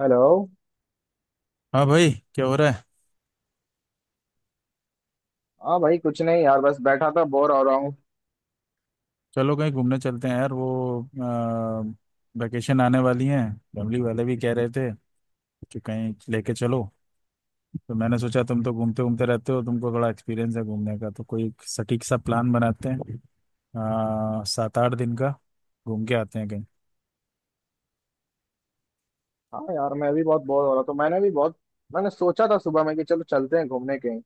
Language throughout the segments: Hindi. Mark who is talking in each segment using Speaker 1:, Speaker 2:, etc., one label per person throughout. Speaker 1: हेलो।
Speaker 2: हाँ भाई, क्या हो रहा है।
Speaker 1: हाँ भाई, कुछ नहीं यार, बस बैठा था, बोर हो रहा हूँ।
Speaker 2: चलो, कहीं घूमने चलते हैं यार। वो वैकेशन आने वाली है। फैमिली वाले भी कह रहे थे कि कहीं लेके चलो। तो मैंने सोचा, तुम तो घूमते घूमते रहते हो, तुमको बड़ा एक्सपीरियंस है घूमने का, तो कोई एक सटीक सा प्लान बनाते हैं 7 8 दिन का। घूम के आते हैं कहीं।
Speaker 1: हाँ यार, मैं भी बहुत बोर हो रहा था। मैंने भी बहुत मैंने सोचा था सुबह में कि चलो चलते हैं घूमने कहीं।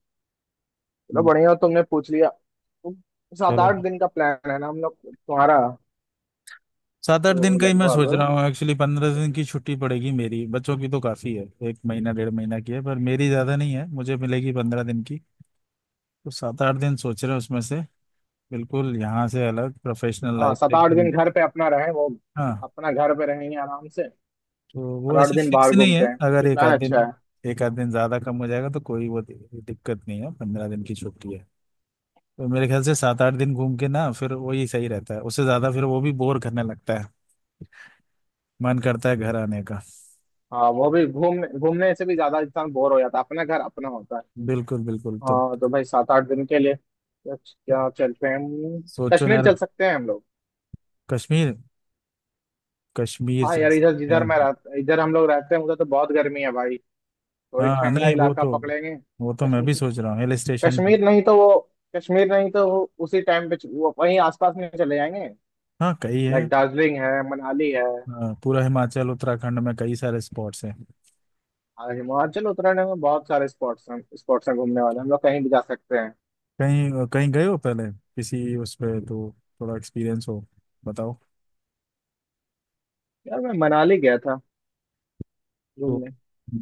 Speaker 1: चलो
Speaker 2: हम्म,
Speaker 1: बढ़िया हुआ तुमने पूछ लिया। तो सात
Speaker 2: चलो,
Speaker 1: आठ दिन का प्लान है ना हम लोग तुम्हारा।
Speaker 2: 7 8 दिन
Speaker 1: तो
Speaker 2: का ही मैं सोच
Speaker 1: लगभग।
Speaker 2: रहा हूँ। एक्चुअली 15 दिन की छुट्टी पड़ेगी मेरी, बच्चों की तो काफ़ी है, 1 महीना 1.5 महीना की है, पर मेरी ज़्यादा नहीं है, मुझे मिलेगी 15 दिन की। तो 7 8 दिन सोच रहे हैं उसमें से, बिल्कुल यहाँ से अलग, प्रोफेशनल
Speaker 1: हाँ,
Speaker 2: लाइफ से
Speaker 1: सात आठ
Speaker 2: एकदम।
Speaker 1: दिन घर पे अपना रहे वो,
Speaker 2: हाँ,
Speaker 1: अपना घर पे रहेंगे आराम से,
Speaker 2: तो
Speaker 1: और
Speaker 2: वो
Speaker 1: आठ
Speaker 2: ऐसे
Speaker 1: दिन
Speaker 2: फिक्स
Speaker 1: बाहर
Speaker 2: नहीं है,
Speaker 1: घूमते हैं।
Speaker 2: अगर
Speaker 1: ये
Speaker 2: एक
Speaker 1: प्लान
Speaker 2: आध दिन,
Speaker 1: अच्छा है।
Speaker 2: एक आध दिन ज्यादा कम हो जाएगा तो कोई वो दिक्कत नहीं है, 15 दिन की छुट्टी है। तो मेरे ख्याल से 7 8 दिन घूम के ना फिर वही सही रहता है, उससे ज्यादा फिर वो भी बोर करने लगता है, मन करता है घर आने का।
Speaker 1: हाँ, वो भी घूमने घूमने से भी ज्यादा इंसान बोर हो जाता है, अपना घर अपना होता है।
Speaker 2: बिल्कुल बिल्कुल। तो
Speaker 1: हाँ तो भाई, 7 8 दिन के लिए क्या क्या चलते हैं?
Speaker 2: सोचो
Speaker 1: कश्मीर
Speaker 2: यार,
Speaker 1: चल सकते हैं हम लोग।
Speaker 2: कश्मीर। कश्मीर
Speaker 1: हाँ
Speaker 2: चल
Speaker 1: यार, इधर
Speaker 2: सकते
Speaker 1: जिधर मैं
Speaker 2: हैं।
Speaker 1: रह इधर हम लोग रहते हैं, उधर तो बहुत गर्मी है भाई। थोड़ी
Speaker 2: हाँ
Speaker 1: ठंडा
Speaker 2: नहीं, वो
Speaker 1: इलाका
Speaker 2: तो,
Speaker 1: पकड़ेंगे।
Speaker 2: वो तो मैं
Speaker 1: कश्मीर।
Speaker 2: भी सोच रहा हूँ, हिल स्टेशन।
Speaker 1: कश्मीर नहीं तो वो। कश्मीर नहीं तो वो, उसी टाइम पे वो वहीं आसपास में चले जाएंगे।
Speaker 2: हाँ, कई
Speaker 1: लाइक
Speaker 2: है।
Speaker 1: दार्जिलिंग है, मनाली है।
Speaker 2: हाँ, पूरा हिमाचल उत्तराखंड में कई सारे स्पॉट्स हैं।
Speaker 1: और हिमाचल उत्तराखंड में बहुत सारे स्पॉट्स हैं, घूमने वाले, हम लोग कहीं भी जा सकते हैं।
Speaker 2: कहीं कहीं गए हो पहले किसी उस पे तो, थोड़ा एक्सपीरियंस हो, बताओ।
Speaker 1: यार मैं मनाली गया था
Speaker 2: तो
Speaker 1: घूमने,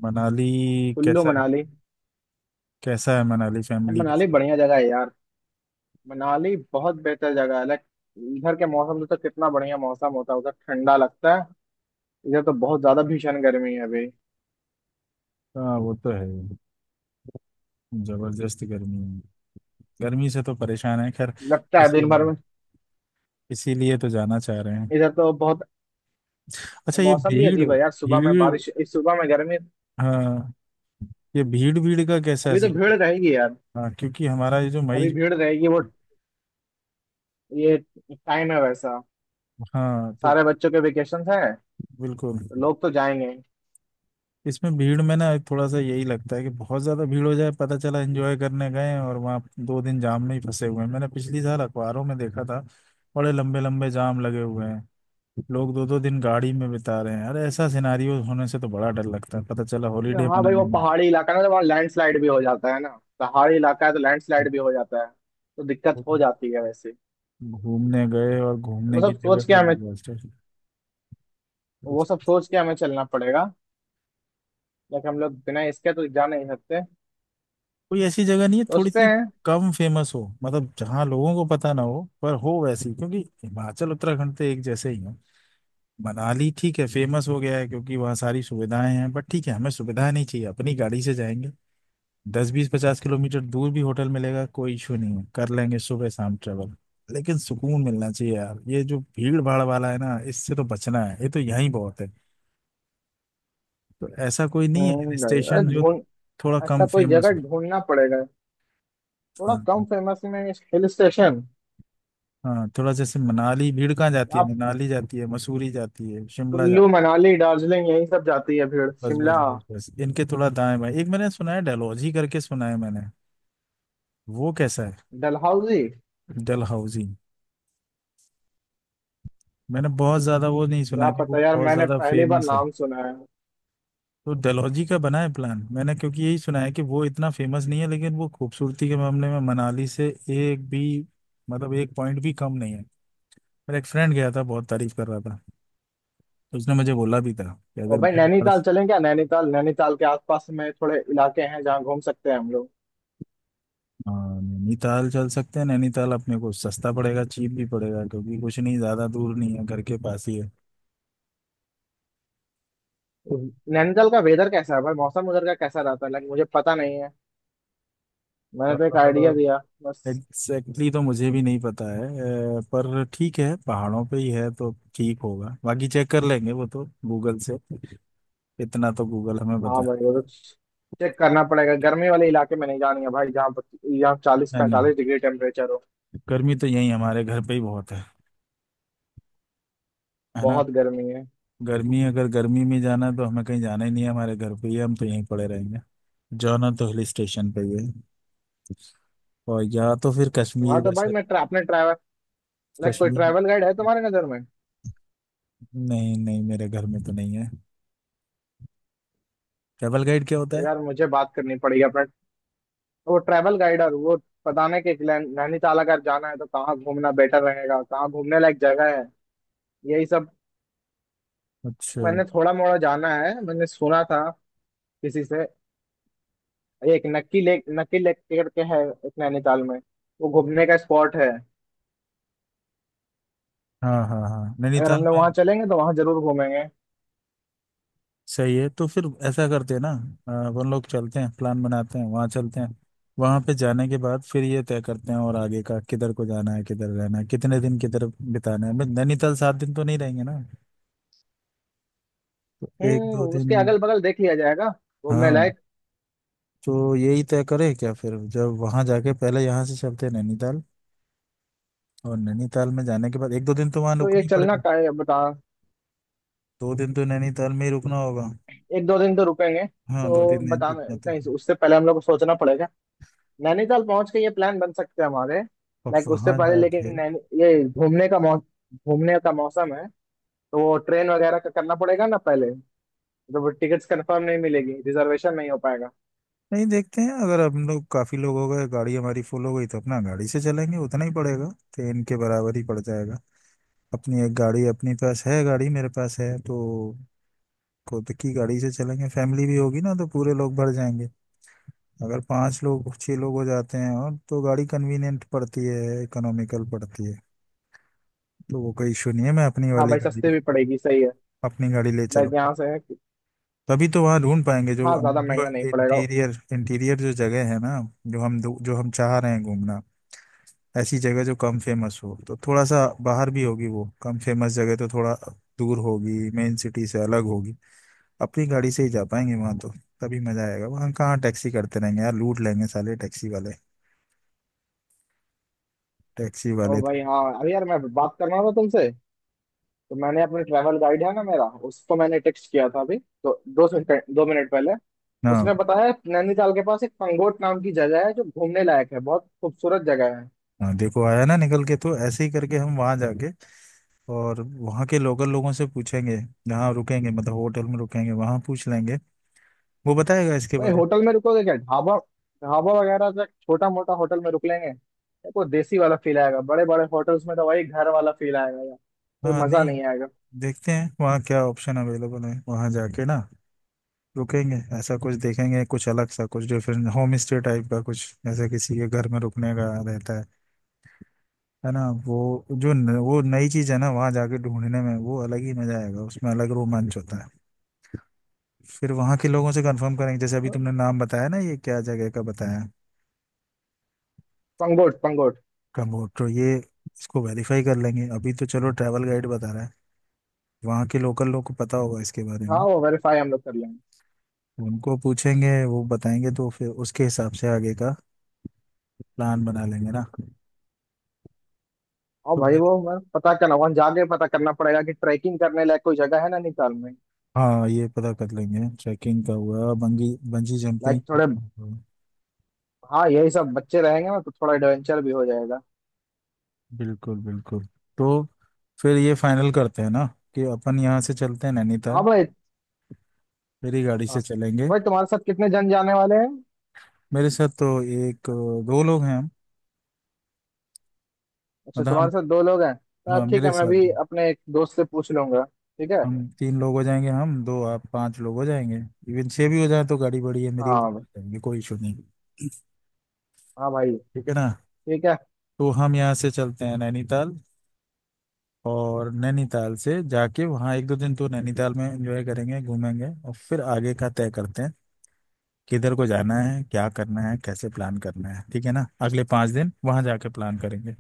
Speaker 2: मनाली
Speaker 1: कुल्लू
Speaker 2: कैसा है?
Speaker 1: मनाली।
Speaker 2: कैसा है मनाली?
Speaker 1: अब
Speaker 2: फैमिली
Speaker 1: मनाली
Speaker 2: कैसे?
Speaker 1: बढ़िया जगह है यार। मनाली बहुत बेहतर जगह है, लाइक इधर के मौसम से तो कितना बढ़िया मौसम होता है, उधर ठंडा लगता है। इधर तो बहुत ज्यादा भीषण गर्मी है अभी।
Speaker 2: हाँ वो तो है, जबरदस्त गर्मी है। गर्मी से तो परेशान है, खैर।
Speaker 1: लगता है दिन भर
Speaker 2: इसीलिए,
Speaker 1: में।
Speaker 2: इसीलिए तो जाना चाह रहे हैं।
Speaker 1: इधर तो बहुत,
Speaker 2: अच्छा, ये
Speaker 1: मौसम भी
Speaker 2: भीड़
Speaker 1: अजीब है यार, सुबह में
Speaker 2: भीड़।
Speaker 1: बारिश, इस सुबह में गर्मी।
Speaker 2: हाँ, ये भीड़ भीड़ का कैसा
Speaker 1: अभी तो
Speaker 2: सीन
Speaker 1: भीड़
Speaker 2: है?
Speaker 1: रहेगी यार।
Speaker 2: हाँ, क्योंकि हमारा ये जो
Speaker 1: अभी
Speaker 2: मई।
Speaker 1: भीड़ रहेगी वो, ये टाइम है वैसा।
Speaker 2: हाँ, तो
Speaker 1: सारे बच्चों के वेकेशन है,
Speaker 2: बिल्कुल।
Speaker 1: तो लोग तो जाएंगे।
Speaker 2: इसमें भीड़ में ना थोड़ा सा यही लगता है कि बहुत ज्यादा भीड़ हो जाए, पता चला एंजॉय करने गए हैं और वहाँ 2 दिन जाम में ही फंसे हुए हैं। मैंने पिछली साल अखबारों में देखा था, बड़े लंबे लंबे जाम लगे हुए हैं, लोग दो दो दिन गाड़ी में बिता रहे हैं। अरे ऐसा सिनारियो होने से तो बड़ा डर लगता है, पता चला हॉलीडे
Speaker 1: हाँ भाई,
Speaker 2: मनाने
Speaker 1: वो
Speaker 2: में
Speaker 1: पहाड़ी इलाका है ना, तो वहाँ लैंडस्लाइड भी हो जाता है ना। पहाड़ी इलाका है तो लैंडस्लाइड भी हो जाता है, तो दिक्कत हो जाती है वैसे।
Speaker 2: घूमने गए और
Speaker 1: वो
Speaker 2: घूमने की
Speaker 1: सब
Speaker 2: जगह
Speaker 1: सोच के
Speaker 2: पे
Speaker 1: हमें
Speaker 2: disaster।
Speaker 1: वो सब सोच के हमें चलना पड़ेगा। लेकिन हम लोग बिना इसके तो जा नहीं सकते,
Speaker 2: कोई ऐसी जगह नहीं है थोड़ी
Speaker 1: सोचते
Speaker 2: सी
Speaker 1: हैं।
Speaker 2: कम फेमस हो, मतलब जहाँ लोगों को पता ना हो पर हो वैसी, क्योंकि हिमाचल उत्तराखंड तो एक जैसे ही है। मनाली ठीक है, फेमस हो गया है क्योंकि वहाँ सारी सुविधाएं हैं, बट ठीक है, हमें सुविधाएं नहीं चाहिए, अपनी गाड़ी से जाएंगे। 10 20 50 किलोमीटर दूर भी होटल मिलेगा कोई इशू नहीं है, कर लेंगे सुबह शाम ट्रेवल। लेकिन सुकून मिलना चाहिए यार, ये जो भीड़ भाड़ वाला है ना, इससे तो बचना है, ये तो यहीं बहुत है। तो ऐसा कोई नहीं है हिल
Speaker 1: नहीं, अरे
Speaker 2: स्टेशन जो
Speaker 1: ढूंढ,
Speaker 2: थोड़ा
Speaker 1: ऐसा
Speaker 2: कम
Speaker 1: कोई
Speaker 2: फेमस
Speaker 1: जगह
Speaker 2: हो?
Speaker 1: ढूंढना पड़ेगा,
Speaker 2: हाँ
Speaker 1: थोड़ा कम
Speaker 2: हाँ।
Speaker 1: फेमस में, हिल स्टेशन।
Speaker 2: हाँ, थोड़ा जैसे मनाली, भीड़ कहाँ जाती है?
Speaker 1: आप
Speaker 2: मनाली जाती है, मसूरी जाती है, शिमला
Speaker 1: कुल्लू
Speaker 2: जाती है।
Speaker 1: मनाली दार्जिलिंग, यही सब जाती है भीड़,
Speaker 2: बस बस
Speaker 1: शिमला,
Speaker 2: बस बस, इनके थोड़ा दाएं बाएं। एक मैंने सुना है, डलहौजी करके सुना है मैंने। वो कैसा है?
Speaker 1: डलहौजी।
Speaker 2: डलहौजी। मैंने बहुत ज्यादा वो नहीं सुना
Speaker 1: क्या
Speaker 2: कि वो
Speaker 1: पता यार,
Speaker 2: बहुत
Speaker 1: मैंने
Speaker 2: ज्यादा
Speaker 1: पहली बार
Speaker 2: फेमस है।
Speaker 1: नाम सुना है।
Speaker 2: तो डलहौजी का बना है प्लान मैंने, क्योंकि यही सुना है कि वो इतना फेमस नहीं है लेकिन वो खूबसूरती के मामले में मनाली से एक भी, मतलब एक पॉइंट भी कम नहीं है। मेरा एक फ्रेंड गया था, बहुत तारीफ कर रहा था, तो उसने मुझे बोला भी था कि
Speaker 1: और
Speaker 2: अगर
Speaker 1: भाई,
Speaker 2: भीड़ भाड़
Speaker 1: नैनीताल
Speaker 2: से।
Speaker 1: चलें क्या? नैनीताल, नैनीताल के आसपास में थोड़े इलाके हैं जहाँ घूम सकते हैं हम लोग।
Speaker 2: हाँ, नैनीताल चल सकते हैं। नैनीताल अपने को सस्ता पड़ेगा, चीप भी पड़ेगा, क्योंकि कुछ नहीं, ज्यादा दूर नहीं है, घर के पास ही
Speaker 1: नैनीताल का वेदर कैसा है भाई? मौसम उधर का कैसा रहता है? लाइक मुझे पता नहीं है। मैंने तो एक आइडिया दिया,
Speaker 2: है।
Speaker 1: बस।
Speaker 2: एग्जैक्टली, तो मुझे भी नहीं पता है पर ठीक है, पहाड़ों पे ही है तो ठीक होगा, बाकी चेक कर लेंगे वो तो गूगल से। इतना तो गूगल हमें बता।
Speaker 1: हाँ भाई वो तो, चेक करना पड़ेगा। गर्मी वाले इलाके में नहीं जानी है भाई, जहाँ जहाँ चालीस
Speaker 2: नहीं नहीं,
Speaker 1: पैंतालीस डिग्री टेम्परेचर हो।
Speaker 2: गर्मी तो यही हमारे घर पे ही बहुत है ना।
Speaker 1: बहुत गर्मी है।
Speaker 2: गर्मी, अगर गर्मी में जाना है तो हमें कहीं जाना ही नहीं है, हमारे घर पे ही है, हम तो यहीं पड़े रहेंगे। जाना तो हिल स्टेशन पे ही है। और या तो फिर कश्मीर
Speaker 1: हाँ तो भाई,
Speaker 2: वैसे।
Speaker 1: मैं अपने ट्रैवल, लाइक कोई
Speaker 2: कश्मीर।
Speaker 1: ट्रैवल गाइड है तुम्हारे नज़र में?
Speaker 2: नहीं नहीं, मेरे घर में तो नहीं है। ट्रैवल गाइड क्या होता
Speaker 1: तो
Speaker 2: है?
Speaker 1: यार मुझे बात करनी पड़ेगी अपना, वो ट्रैवल गाइड, और वो बताने के कि नैनीताल अगर जाना है तो कहाँ घूमना बेटर रहेगा, कहाँ घूमने लायक जगह है, यही सब।
Speaker 2: अच्छा।
Speaker 1: मैंने थोड़ा मोड़ा जाना है, मैंने सुना था किसी से, एक नक्की लेक, नक्की लेक करके है एक नैनीताल में। वो घूमने का स्पॉट है।
Speaker 2: हाँ हाँ हाँ,
Speaker 1: अगर
Speaker 2: नैनीताल
Speaker 1: हमने
Speaker 2: में।
Speaker 1: वहाँ चलेंगे तो वहाँ जरूर घूमेंगे।
Speaker 2: सही है, तो फिर ऐसा करते हैं ना। अपन लोग चलते हैं, प्लान बनाते हैं, वहाँ चलते हैं। वहाँ पे जाने के बाद फिर ये तय करते हैं और आगे का, किधर को जाना है, किधर रहना है, कितने दिन किधर बिताना है। भाई नैनीताल 7 दिन तो नहीं रहेंगे ना, तो एक
Speaker 1: हम्म,
Speaker 2: दो दिन।
Speaker 1: उसके अगल बगल देख लिया जाएगा घूमने
Speaker 2: हाँ,
Speaker 1: लायक।
Speaker 2: तो यही तय करें क्या फिर, जब वहाँ जाके, पहले यहाँ से चलते हैं नैनीताल, और नैनीताल में जाने के बाद एक दो दिन तो वहाँ
Speaker 1: तो ये
Speaker 2: रुकना ही
Speaker 1: चलना
Speaker 2: पड़ेगा।
Speaker 1: का है बता।
Speaker 2: दो दिन तो नैनीताल में ही रुकना होगा।
Speaker 1: एक 2 दिन तो रुकेंगे।
Speaker 2: हाँ, दो
Speaker 1: तो
Speaker 2: तीन दिन
Speaker 1: बताना,
Speaker 2: इतना तो है।
Speaker 1: उससे पहले हम लोग को सोचना पड़ेगा। नैनीताल पहुंच के ये प्लान बन सकते हैं हमारे।
Speaker 2: और
Speaker 1: लाइक उससे
Speaker 2: वहाँ
Speaker 1: पहले,
Speaker 2: जाके।
Speaker 1: लेकिन नैनी ये घूमने का मौसम है, तो वो ट्रेन वगैरह का करना पड़ेगा ना पहले, तो वो टिकट्स कंफर्म नहीं मिलेगी, रिजर्वेशन नहीं हो पाएगा।
Speaker 2: नहीं देखते हैं, अगर हम लोग काफी लोग हो गए, गाड़ी हमारी फुल हो गई तो अपना गाड़ी से चलेंगे, उतना ही पड़ेगा, ट्रेन के बराबर ही पड़ जाएगा। अपनी एक गाड़ी अपने पास है, गाड़ी मेरे पास है, तो खुद की गाड़ी से चलेंगे। फैमिली भी होगी ना, तो पूरे लोग भर जाएंगे। अगर पांच लोग छह लोग हो जाते हैं और, तो गाड़ी कन्वीनियंट पड़ती है, इकोनॉमिकल पड़ती है। तो वो कोई इशू नहीं है, मैं अपनी
Speaker 1: हाँ
Speaker 2: वाली
Speaker 1: भाई,
Speaker 2: गाड़ी,
Speaker 1: सस्ते भी पड़ेगी, सही है।
Speaker 2: अपनी गाड़ी ले
Speaker 1: लाइक
Speaker 2: चलूंगा।
Speaker 1: यहाँ से है
Speaker 2: तभी तो वहाँ ढूंढ पाएंगे जो,
Speaker 1: हाँ ज्यादा
Speaker 2: जो
Speaker 1: महंगा नहीं पड़ेगा।
Speaker 2: इंटीरियर इंटीरियर जो जगह है ना, जो हम चाह रहे हैं घूमना। ऐसी जगह जो कम फेमस हो तो थोड़ा सा बाहर भी होगी, वो कम फेमस जगह तो थोड़ा दूर होगी, मेन सिटी से अलग होगी। अपनी गाड़ी से ही जा पाएंगे वहां तो, तभी मजा आएगा। वहां कहाँ टैक्सी करते रहेंगे यार, लूट लेंगे साले टैक्सी वाले। टैक्सी
Speaker 1: ओ
Speaker 2: वाले
Speaker 1: भाई हाँ, अरे यार मैं बात करना था तुमसे। तो मैंने अपने ट्रैवल गाइड है ना मेरा, उसको मैंने टेक्स्ट किया था अभी तो, दो मिनट पहले।
Speaker 2: ना।
Speaker 1: उसने बताया नैनीताल के पास एक पंगोट नाम की जगह है जो घूमने लायक है, बहुत खूबसूरत जगह है।
Speaker 2: हाँ, देखो आया ना निकल के, तो ऐसे ही करके हम वहां जाके और वहां के लोकल लोगों से पूछेंगे। जहाँ रुकेंगे, मतलब होटल में रुकेंगे वहां पूछ लेंगे, वो बताएगा इसके
Speaker 1: भाई
Speaker 2: बारे।
Speaker 1: होटल में रुकोगे क्या, ढाबा? ढाबा वगैरह, तो छोटा मोटा होटल में रुक लेंगे, देखो देसी वाला फील आएगा, बड़े बड़े होटल्स में तो वही घर वाला फील आएगा यार, कोई
Speaker 2: हाँ
Speaker 1: मजा
Speaker 2: नहीं,
Speaker 1: नहीं आएगा।
Speaker 2: देखते हैं वहाँ क्या ऑप्शन अवेलेबल है, वहां जाके ना रुकेंगे, ऐसा कुछ देखेंगे, कुछ अलग सा, कुछ डिफरेंट, होम स्टे टाइप का कुछ, ऐसा किसी के घर में रुकने का रहता है ना। वो जो न, वो नई चीज़ है ना, वहाँ जाके ढूंढने में वो अलग ही मजा आएगा, उसमें अलग रोमांच होता है। फिर वहाँ के लोगों से कंफर्म करेंगे, जैसे अभी तुमने नाम बताया ना, ये क्या जगह का बताया,
Speaker 1: पंगोट, पंगोट।
Speaker 2: कम्बोड, तो ये, इसको वेरीफाई कर लेंगे। अभी तो चलो ट्रैवल गाइड बता रहा है, वहाँ के लोकल लोग को पता होगा इसके बारे
Speaker 1: हाँ,
Speaker 2: में,
Speaker 1: वो वेरीफाई हम लोग कर लेंगे।
Speaker 2: उनको पूछेंगे, वो बताएंगे, तो फिर उसके हिसाब से आगे का प्लान बना लेंगे ना।
Speaker 1: और
Speaker 2: तो
Speaker 1: भाई वो मैं पता करना, वहां जाके पता करना पड़ेगा कि ट्रैकिंग करने लायक कोई जगह है ना नैनीताल में।
Speaker 2: हाँ, ये पता कर लेंगे, ट्रैकिंग का हुआ, बंगी बंजी जंपिंग
Speaker 1: लाइक थोड़े,
Speaker 2: का हुआ।
Speaker 1: हाँ यही सब, बच्चे रहेंगे ना तो थोड़ा एडवेंचर भी हो जाएगा।
Speaker 2: बिल्कुल बिल्कुल। तो फिर ये फाइनल करते हैं ना कि अपन यहाँ से चलते हैं
Speaker 1: हाँ
Speaker 2: नैनीताल,
Speaker 1: भाई।
Speaker 2: मेरी गाड़ी से
Speaker 1: हाँ
Speaker 2: चलेंगे।
Speaker 1: तो भाई, तुम्हारे साथ कितने जन जाने वाले हैं?
Speaker 2: मेरे साथ तो एक दो लोग हैं हम,
Speaker 1: अच्छा,
Speaker 2: मतलब
Speaker 1: तुम्हारे
Speaker 2: हम,
Speaker 1: साथ दो लोग हैं तो
Speaker 2: हाँ
Speaker 1: ठीक
Speaker 2: मेरे
Speaker 1: है, मैं
Speaker 2: साथ
Speaker 1: भी अपने एक दोस्त से पूछ लूंगा, ठीक है।
Speaker 2: हम तीन लोग हो जाएंगे, हम दो आप पांच लोग हो जाएंगे। इवन छह भी हो जाए तो गाड़ी बड़ी है मेरी, उसमें
Speaker 1: हाँ।
Speaker 2: जाएंगे, कोई इशू नहीं।
Speaker 1: हाँ भाई
Speaker 2: ठीक है ना।
Speaker 1: ठीक है।
Speaker 2: तो हम यहाँ से चलते हैं नैनीताल, और नैनीताल से जाके वहाँ एक दो दिन तो नैनीताल में एंजॉय करेंगे, घूमेंगे और फिर आगे का तय करते हैं, किधर को जाना है, क्या करना है, कैसे प्लान करना है। ठीक है ना, अगले 5 दिन वहाँ जाके प्लान करेंगे,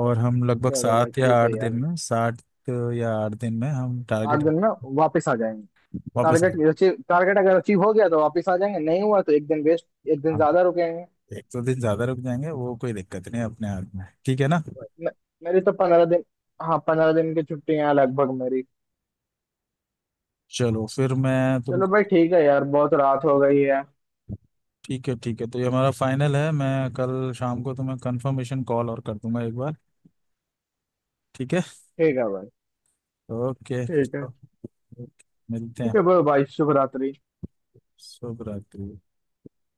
Speaker 2: और हम लगभग
Speaker 1: चलो भाई
Speaker 2: सात या
Speaker 1: ठीक
Speaker 2: आठ
Speaker 1: है यार।
Speaker 2: दिन में, 7 या 8 दिन में हम
Speaker 1: आठ
Speaker 2: टारगेट,
Speaker 1: दिन में वापस आ जाएंगे।
Speaker 2: वापस आएंगे।
Speaker 1: टारगेट अचीव, टारगेट अगर अचीव हो गया तो वापस आ जाएंगे, नहीं हुआ तो एक दिन वेस्ट, एक दिन
Speaker 2: हाँ,
Speaker 1: ज्यादा रुकेंगे।
Speaker 2: एक दो दिन ज़्यादा रुक जाएंगे, वो कोई दिक्कत नहीं है, अपने हाथ में है। ठीक है ना।
Speaker 1: मे- मेरी तो 15 दिन, हाँ 15 दिन की छुट्टियां हैं लगभग मेरी।
Speaker 2: चलो, फिर मैं
Speaker 1: चलो भाई
Speaker 2: तुमको।
Speaker 1: ठीक है यार, बहुत रात हो गई है।
Speaker 2: ठीक है ठीक है, तो ये हमारा फाइनल है, मैं कल शाम को तुम्हें कंफर्मेशन कॉल और कर दूंगा एक बार। ठीक है।
Speaker 1: ठीक है भाई।
Speaker 2: ओके।
Speaker 1: ठीक है।
Speaker 2: मिलते
Speaker 1: ठीक
Speaker 2: हैं।
Speaker 1: है भाई, भाई शुभ रात्रि।
Speaker 2: शुभ रात्रि।